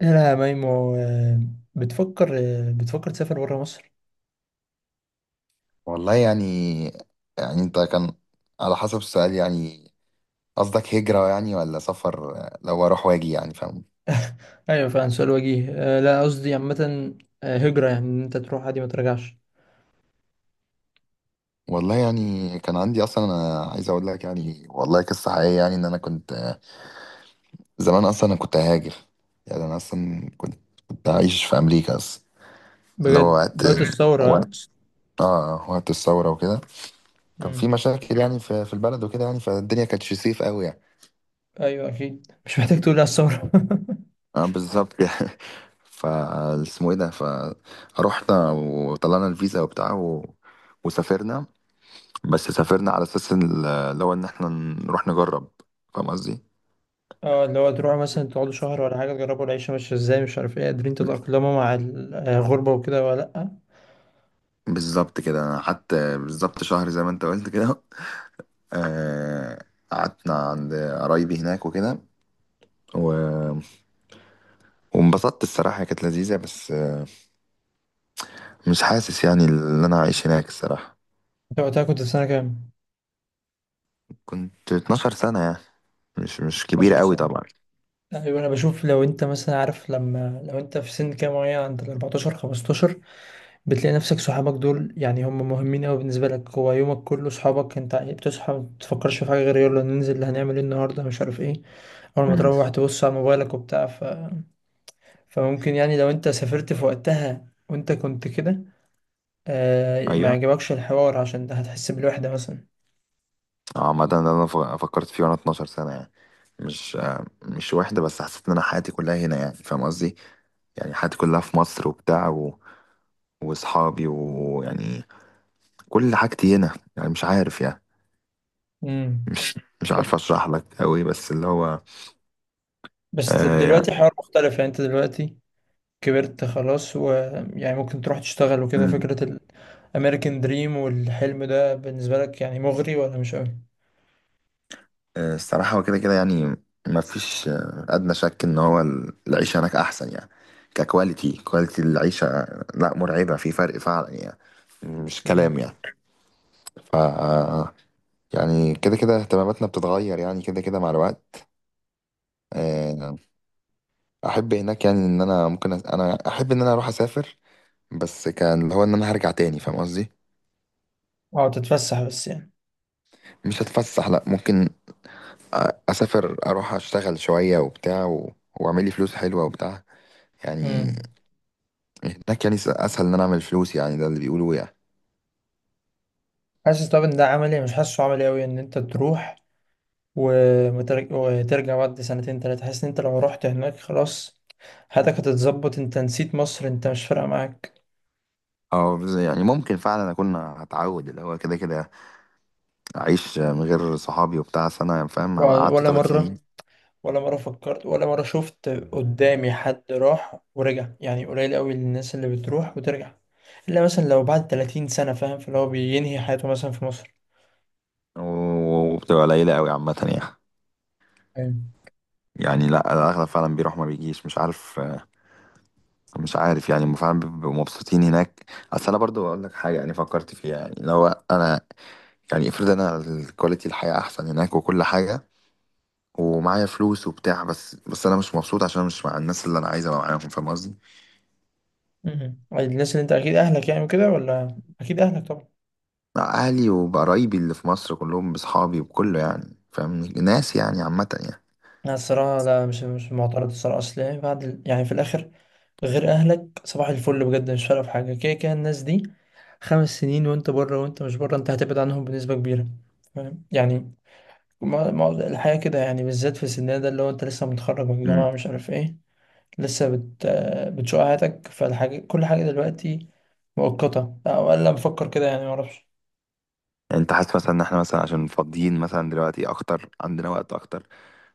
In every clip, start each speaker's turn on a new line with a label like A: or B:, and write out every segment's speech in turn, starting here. A: لا يا ميمو آه، بتفكر؟ بتفكر تسافر بره مصر؟
B: والله يعني يعني انت كان على حسب السؤال يعني قصدك هجرة يعني ولا سفر، لو اروح واجي يعني فاهم.
A: ايوه فعلا سؤال وجيه. لا، قصدي عامة. هجرة، يعني ان انت تروح عادي ما ترجعش.
B: والله يعني كان عندي اصلا، انا عايز اقول لك يعني والله قصة حقيقية، يعني ان انا كنت زمان اصلا انا كنت هاجر. يعني انا اصلا كنت كنت عايش في امريكا اصلا. اللي هو
A: بجد
B: وقت
A: دلوقتي الثورة ها؟
B: وقت اه وقت الثورة وكده. كان في
A: مم.
B: مشاكل يعني في البلد وكده يعني، فالدنيا كانتش سيف قوي يعني.
A: ايوه اكيد مش محتاج تقول لي على الثورة.
B: اه بالظبط يعني. فا اسمه ايه ده، فروحنا وطلعنا الفيزا وبتاع و... وسافرنا. بس سافرنا على اساس اللي هو ان احنا نروح نجرب، فاهم قصدي.
A: اه، اللي هو تروحوا مثلا تقعدوا شهر ولا حاجة، تجربوا العيشة ماشية ازاي، مش عارف ايه، قادرين تتأقلموا مع الغربة وكده ولا لأ؟
B: بالظبط كده، انا قعدت بالظبط شهر زي ما انت قلت كده. آه، قعدنا عند قرايبي هناك وكده و... وانبسطت، الصراحة كانت لذيذة، بس مش حاسس يعني ان انا عايش هناك الصراحة.
A: انت وقتها كنت في سنة كام؟
B: كنت 12 سنة يعني، مش
A: 12
B: كبيرة قوي
A: سنة.
B: طبعا.
A: ايوه انا بشوف لو انت مثلا عارف، لما لو انت في سن كام معين، عند ال 14 15 بتلاقي نفسك صحابك دول، يعني هم مهمين قوي بالنسبه لك. هو يومك كله صحابك، انت بتصحى ما بتفكرش في حاجه غير يلا ننزل، اللي هنعمل ايه النهارده، مش عارف ايه. اول ما
B: امم
A: تروح تبص على موبايلك وبتاع فممكن يعني لو انت سافرت في وقتها وانت كنت كده، ما
B: ايوه
A: يعجبكش الحوار، عشان ده هتحس بالوحده مثلا.
B: عامة ده انا فكرت فيه وانا 12 سنة يعني، مش مش واحدة، بس حسيت ان انا حياتي كلها هنا يعني، فاهم قصدي. يعني حياتي كلها في مصر وبتاع و... واصحابي ويعني كل حاجتي هنا يعني، مش عارف يعني.
A: امم.
B: مش
A: طب
B: عارف اشرح لك قوي، بس اللي هو
A: بس طب
B: آه
A: دلوقتي
B: يعني.
A: حوار مختلف، يعني انت دلوقتي كبرت خلاص، ويعني ممكن تروح تشتغل وكده
B: مم.
A: فكره. الامريكان دريم والحلم ده بالنسبه لك، يعني مغري ولا مش
B: آه الصراحة هو كده كده يعني، ما فيش آه ادنى شك ان هو العيشة هناك احسن يعني، كواليتي العيشة لا مرعبة، في فرق فعلا يعني، مش
A: قوي؟
B: كلام يعني. ف يعني كده كده اهتماماتنا بتتغير يعني كده كده مع الوقت. آه، احب هناك يعني ان انا ممكن انا احب ان انا اروح اسافر، بس كان اللي هو ان انا هرجع تاني، فاهم قصدي.
A: اه تتفسح بس يعني.
B: مش هتفسح، لا ممكن اسافر، اروح اشتغل شوية وبتاع و... واعمل لي فلوس حلوة وبتاع يعني.
A: امم.
B: هناك يعني اسهل ان انا اعمل فلوس يعني، ده اللي بيقولوه يعني.
A: حاسس طب ان ده عملي؟ مش حاسه عملي قوي ان انت تروح وترجع بعد سنتين تلاتة. حاسس ان انت لو رحت هناك خلاص حياتك هتتظبط، انت نسيت مصر، انت مش فارقة معاك.
B: اه يعني ممكن فعلا اكون هتعود، اللي هو كده كده اعيش من غير صحابي وبتاع سنة، فاهم، هبقى قعدت
A: ولا
B: ثلاث
A: مرة.
B: سنين.
A: ولا مرة فكرت، ولا مرة شفت قدامي حد راح ورجع، يعني قليل قوي الناس اللي بتروح وترجع، الا مثلا لو بعد 30 سنة، فاهم، فاللي هو بينهي حياته مثلا في مصر.
B: وبتبقى قليلة قوي عامة يعني.
A: أيوة.
B: يعني لا، الاغلب فعلا بيروح ما بيجيش، مش عارف. مش عارف يعني هم فعلا بيبقوا مبسوطين هناك. اصل انا برضو اقول لك حاجه يعني فكرت فيها، يعني لو انا يعني افرض انا الكواليتي الحياه احسن هناك وكل حاجه ومعايا فلوس وبتاع، بس انا مش مبسوط عشان أنا مش مع الناس اللي انا عايز ابقى معاهم، فاهم قصدي.
A: مم. الناس اللي انت اكيد اهلك يعني وكده، ولا اكيد اهلك طبعا.
B: مع اهلي وقرايبي اللي في مصر كلهم، باصحابي وكله يعني فاهم، ناس يعني عامه.
A: لا الصراحة لا، مش معترض الصراحة، أصل يعني يعني في الآخر غير أهلك صباح الفل بجد مش فارقة في حاجة، كده كده الناس دي 5 سنين وأنت بره، وأنت مش بره أنت هتبعد عنهم بنسبة كبيرة، فاهم يعني؟ ما الحياة كده يعني، بالذات في سننا ده، اللي هو أنت لسه متخرج من الجامعة،
B: يعني
A: مش عارف إيه، لسه بت آه، بتشوق حياتك، فالحاجة كل حاجة دلوقتي مؤقتة، أو أقل بفكر كده يعني، معرفش.
B: يعني انت حاسس مثلا ان احنا مثلا عشان فاضيين مثلا دلوقتي اكتر، عندنا وقت اكتر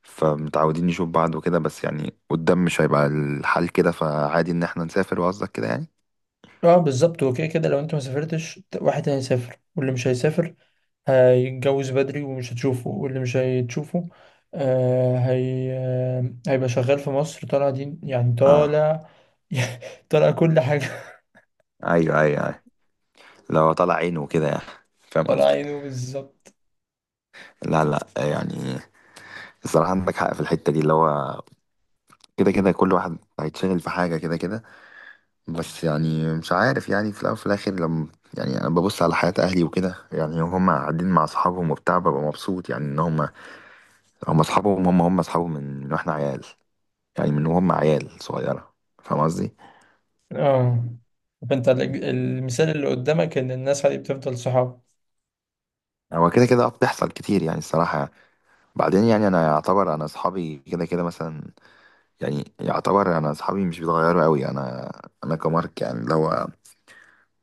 B: فمتعودين نشوف بعض وكده، بس يعني قدام مش هيبقى الحال كده، فعادي ان احنا نسافر، وقصدك كده يعني.
A: اه بالظبط، وكده كده لو انت ما سافرتش واحد تاني يسافر، واللي مش هيسافر هيتجوز بدري ومش هتشوفه، واللي مش هتشوفه هي هيبقى شغال في مصر طالع دين، يعني
B: اه.
A: طالع طالع كل حاجة،
B: ايوه. لو طلع عينه وكده يعني، فاهم
A: طالع
B: قصدك.
A: عينه بالظبط.
B: لا يعني الصراحة عندك حق في الحتة دي، اللي هو كده كده كل واحد هيتشغل في حاجة كده كده. بس يعني مش عارف يعني، في الأول وفي الآخر لما يعني، أنا ببص على حياة أهلي وكده يعني هم قاعدين مع أصحابهم وبتاع، ببقى مبسوط يعني إن هم اصحابهم من واحنا عيال، يعني من وهم عيال صغيره، فاهم قصدي.
A: اه فانت المثال اللي قدامك ان الناس هي بتفضل صحاب
B: هو كده كده اه بتحصل كتير يعني الصراحه. بعدين يعني انا يعتبر انا اصحابي كده كده مثلا، يعني يعتبر انا اصحابي مش بيتغيروا قوي. انا كمارك يعني، لو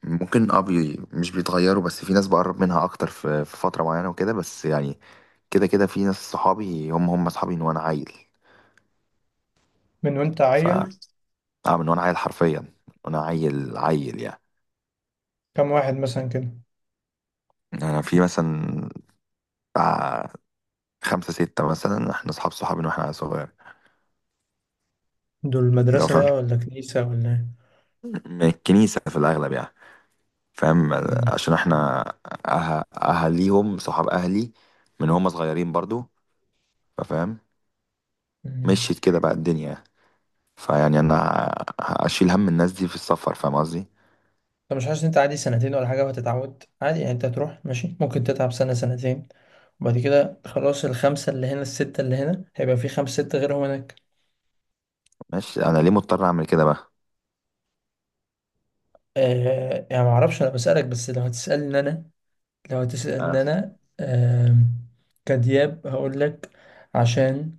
B: ممكن اه مش بيتغيروا، بس في ناس بقرب منها اكتر في فتره معينه وكده، بس يعني كده كده في ناس صحابي هم اصحابي من وانا عيل.
A: من وانت
B: ف
A: عيل.
B: اه من وانا عيل حرفيا، وانا عيل يعني.
A: كم واحد مثلا كده؟
B: انا في مثلا خمسة ستة مثلا، احنا صحاب من واحنا صغير.
A: دول
B: لو
A: مدرسة
B: فاهم،
A: بقى ولا كنيسة ولا ايه؟
B: اه من الكنيسة في الأغلب يعني، فاهم.
A: مم.
B: عشان احنا أهاليهم صحاب أهلي من هم صغيرين برضو، فاهم.
A: مم.
B: مشيت كده بقى الدنيا. فيعني أنا هشيل هم الناس دي في السفر، فاهم قصدي.
A: انت مش حاسس ان انت عادي سنتين ولا حاجة وهتتعود عادي؟ يعني انت هتروح ماشي، ممكن تتعب سنة سنتين، وبعد كده خلاص، الخمسة اللي هنا الستة اللي هنا هيبقى في خمسة ستة غيرهم هناك.
B: ماشي، أنا ليه مضطر أعمل كده بقى؟
A: يعني معرفش، أنا بسألك بس، لو هتسألني أنا لو
B: أه.
A: هتسألني أنا آه كدياب هقول لك، عشان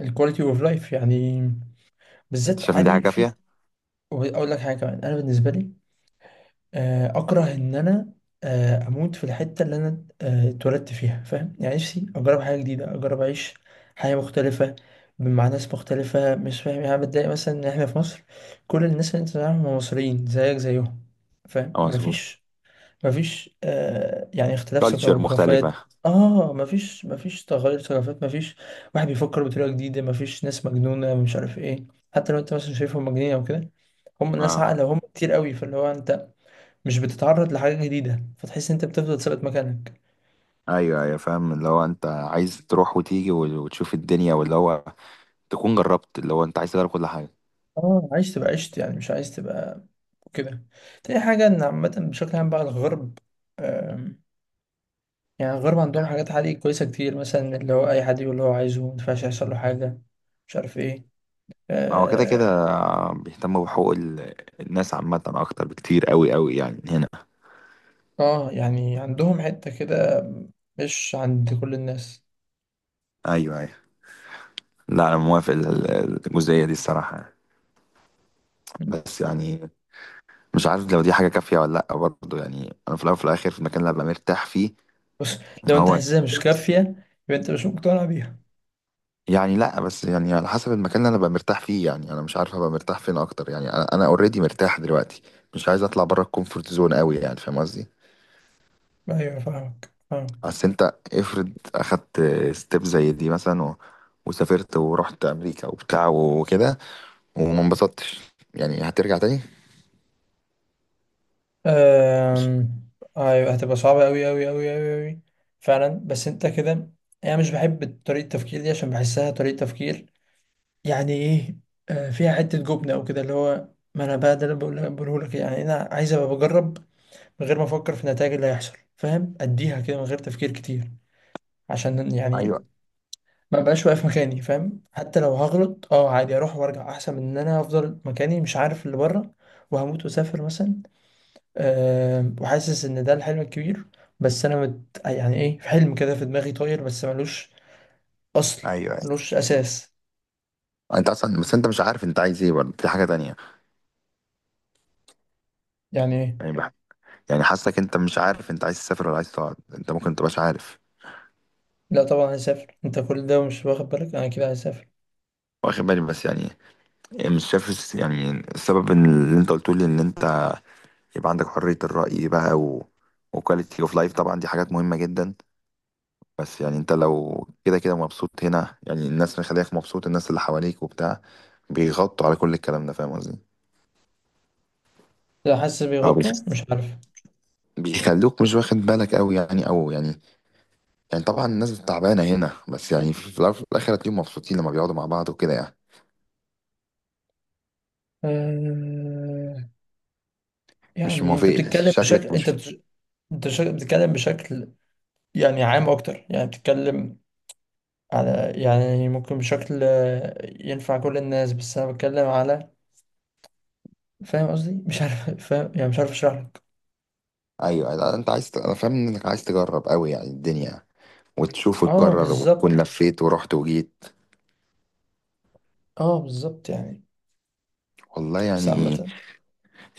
A: الكواليتي اوف لايف يعني،
B: أنت
A: بالذات
B: شايف إن دي حاجة
A: عادي في.
B: كافية؟
A: وأقول لك حاجة كمان، أنا بالنسبة لي اكره ان انا اموت في الحته اللي انا اتولدت فيها، فاهم يعني؟ نفسي اجرب حاجه جديده، اجرب اعيش حياه مختلفه مع ناس مختلفه، مش فاهم يعني، أنا بتضايق مثلا ان احنا في مصر كل الناس اللي انت تعرفهم هم مصريين زيك زيهم، فاهم،
B: اه مظبوط،
A: مفيش، مفيش يعني اختلاف
B: كالتشر
A: ثقافات.
B: مختلفة.
A: اه مفيش، مفيش تغير ثقافات، مفيش واحد بيفكر بطريقه جديده، مفيش ناس مجنونه، مش عارف ايه، حتى لو انت مثلا شايفهم مجانين او كده، هم ناس
B: اه
A: عاقله وهم كتير قوي، فاللي هو انت مش بتتعرض لحاجة جديدة، فتحس إن أنت بتفضل ثابت مكانك.
B: ايوه فاهم، اللي هو انت عايز تروح وتيجي وتشوف الدنيا، واللي هو تكون جربت اللي هو انت عايز تجرب كل حاجه.
A: اه عايز تبقى عشت يعني، مش عايز تبقى كده. تاني حاجة إن عامة بشكل عام بقى الغرب، آم، يعني الغرب عندهم حاجات عالية كويسة كتير، مثلا اللي هو أي حد يقول اللي هو عايزه مينفعش يحصل له حاجة، مش عارف إيه.
B: هو كده
A: آه
B: كده بيهتموا بحقوق الناس عامة أكتر بكتير أوي أوي يعني هنا.
A: يعني عندهم حتة كده، مش عند كل الناس.
B: ايوه. لا أنا موافق الجزئية دي الصراحة يعني. بس يعني مش عارف لو دي حاجة كافية ولا لأ برضه، يعني أنا في الأول وفي الآخر في المكان اللي أبقى مرتاح فيه.
A: بص، لو أنت
B: هو
A: حاسسها مش كافية، يبقى أنت مش مقتنع بيها.
B: يعني لأ، بس يعني على حسب المكان اللي أنا أبقى مرتاح فيه، يعني أنا مش عارف أبقى مرتاح فين أكتر، يعني أنا أوريدي مرتاح دلوقتي، مش عايز أطلع بره الكومفورت زون أوي يعني، فاهم قصدي؟
A: أيوة فاهمك فاهمك.
B: اصل انت افرض اخدت ستيب زي دي مثلا و... وسافرت ورحت امريكا وبتاع وكده وما انبسطتش، يعني هترجع تاني، مش
A: أم... أيوة هتبقى صعبة أوي أوي أوي أوي أوي فعلا، بس أنت كده. أنا مش بحب طريقة التفكير دي عشان بحسها طريقة تفكير، يعني إيه، فيها حتة جبنة أو كده، اللي هو ما أنا بقى ده اللي بقوله لك، يعني أنا عايز أبقى بجرب من غير ما أفكر في النتائج اللي هيحصل، فاهم، أديها كده من غير تفكير كتير، عشان يعني
B: ايوه
A: ما بقاش واقف مكاني، فاهم، حتى لو هغلط أه عادي، أروح وأرجع أحسن من إن أنا أفضل مكاني مش عارف اللي بره. وهموت وأسافر مثلا، أه وحاسس ان ده الحلم الكبير. بس انا يعني ايه، في حلم كده في دماغي طاير، بس ملوش اصل،
B: ايوه.
A: ملوش اساس.
B: انت اصلا، بس انت مش عارف انت عايز ايه برضه، دي حاجه تانية.
A: يعني ايه؟
B: يعني يعني حاسك انت مش عارف انت عايز تسافر ولا عايز تقعد، انت ممكن متبقاش عارف.
A: لا طبعا هسافر، انت كل ده مش واخد بالك، انا كده هسافر.
B: واخد بالي، بس يعني إيه، مش شايف يعني السبب، إن اللي انت قلته لي ان انت يبقى عندك حريه الراي بقى و... وكواليتي اوف لايف طبعا، دي حاجات مهمه جدا. بس يعني انت لو كده كده مبسوط هنا يعني، الناس اللي خليك مبسوط الناس اللي حواليك وبتاع بيغطوا على كل الكلام ده، فاهم قصدي.
A: لا حاسس
B: او
A: بيغطوا مش عارف.
B: بيخلوك مش واخد بالك قوي يعني، او يعني، يعني طبعا الناس تعبانه هنا، بس يعني في الاول وفي الاخر هتلاقيهم مبسوطين لما بيقعدوا مع بعض وكده يعني.
A: أه
B: مش
A: يعني انت
B: موافقني
A: بتتكلم بشكل،
B: شكلك، مش
A: بتتكلم بشكل يعني عام اكتر، يعني بتتكلم على، يعني ممكن بشكل ينفع كل الناس، بس انا بتكلم على، فاهم قصدي؟ مش عارف فاهم يعني، مش عارف اشرح لك.
B: ايوه. لا، انت انا فاهم انك عايز تجرب قوي يعني الدنيا وتشوف
A: اه
B: وتكرر، وتكون
A: بالظبط،
B: لفيت ورحت وجيت.
A: اه بالظبط يعني،
B: والله
A: بس عامة.
B: يعني،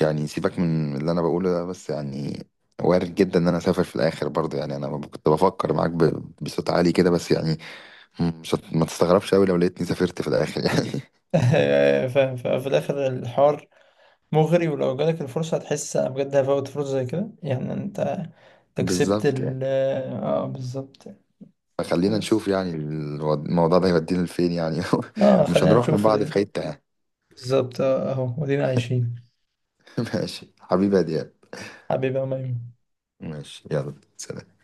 B: يعني سيبك من اللي انا بقوله ده، بس يعني وارد جدا ان انا اسافر في الاخر برضه يعني. انا كنت بفكر معاك بصوت عالي كده، بس يعني مش هت- ما تستغربش قوي لو لقيتني سافرت في الاخر يعني.
A: ففي الآخر الحوار مغري، ولو جالك الفرصة هتحس أنا بجد هفوت فرصة زي كده يعني؟ أنت أنت كسبت
B: بالظبط يعني.
A: اه بالظبط يعني.
B: فخلينا نشوف
A: خلاص.
B: يعني الموضوع ده هيودينا لفين يعني.
A: اه
B: مش
A: خلينا
B: هنروح من
A: نشوف
B: بعض
A: ودينا،
B: في حتة يعني.
A: بالظبط أهو ودينا عايشين.
B: ماشي حبيبي يا دياب.
A: حبيبي يا ميمون.
B: ماشي، يلا سلام.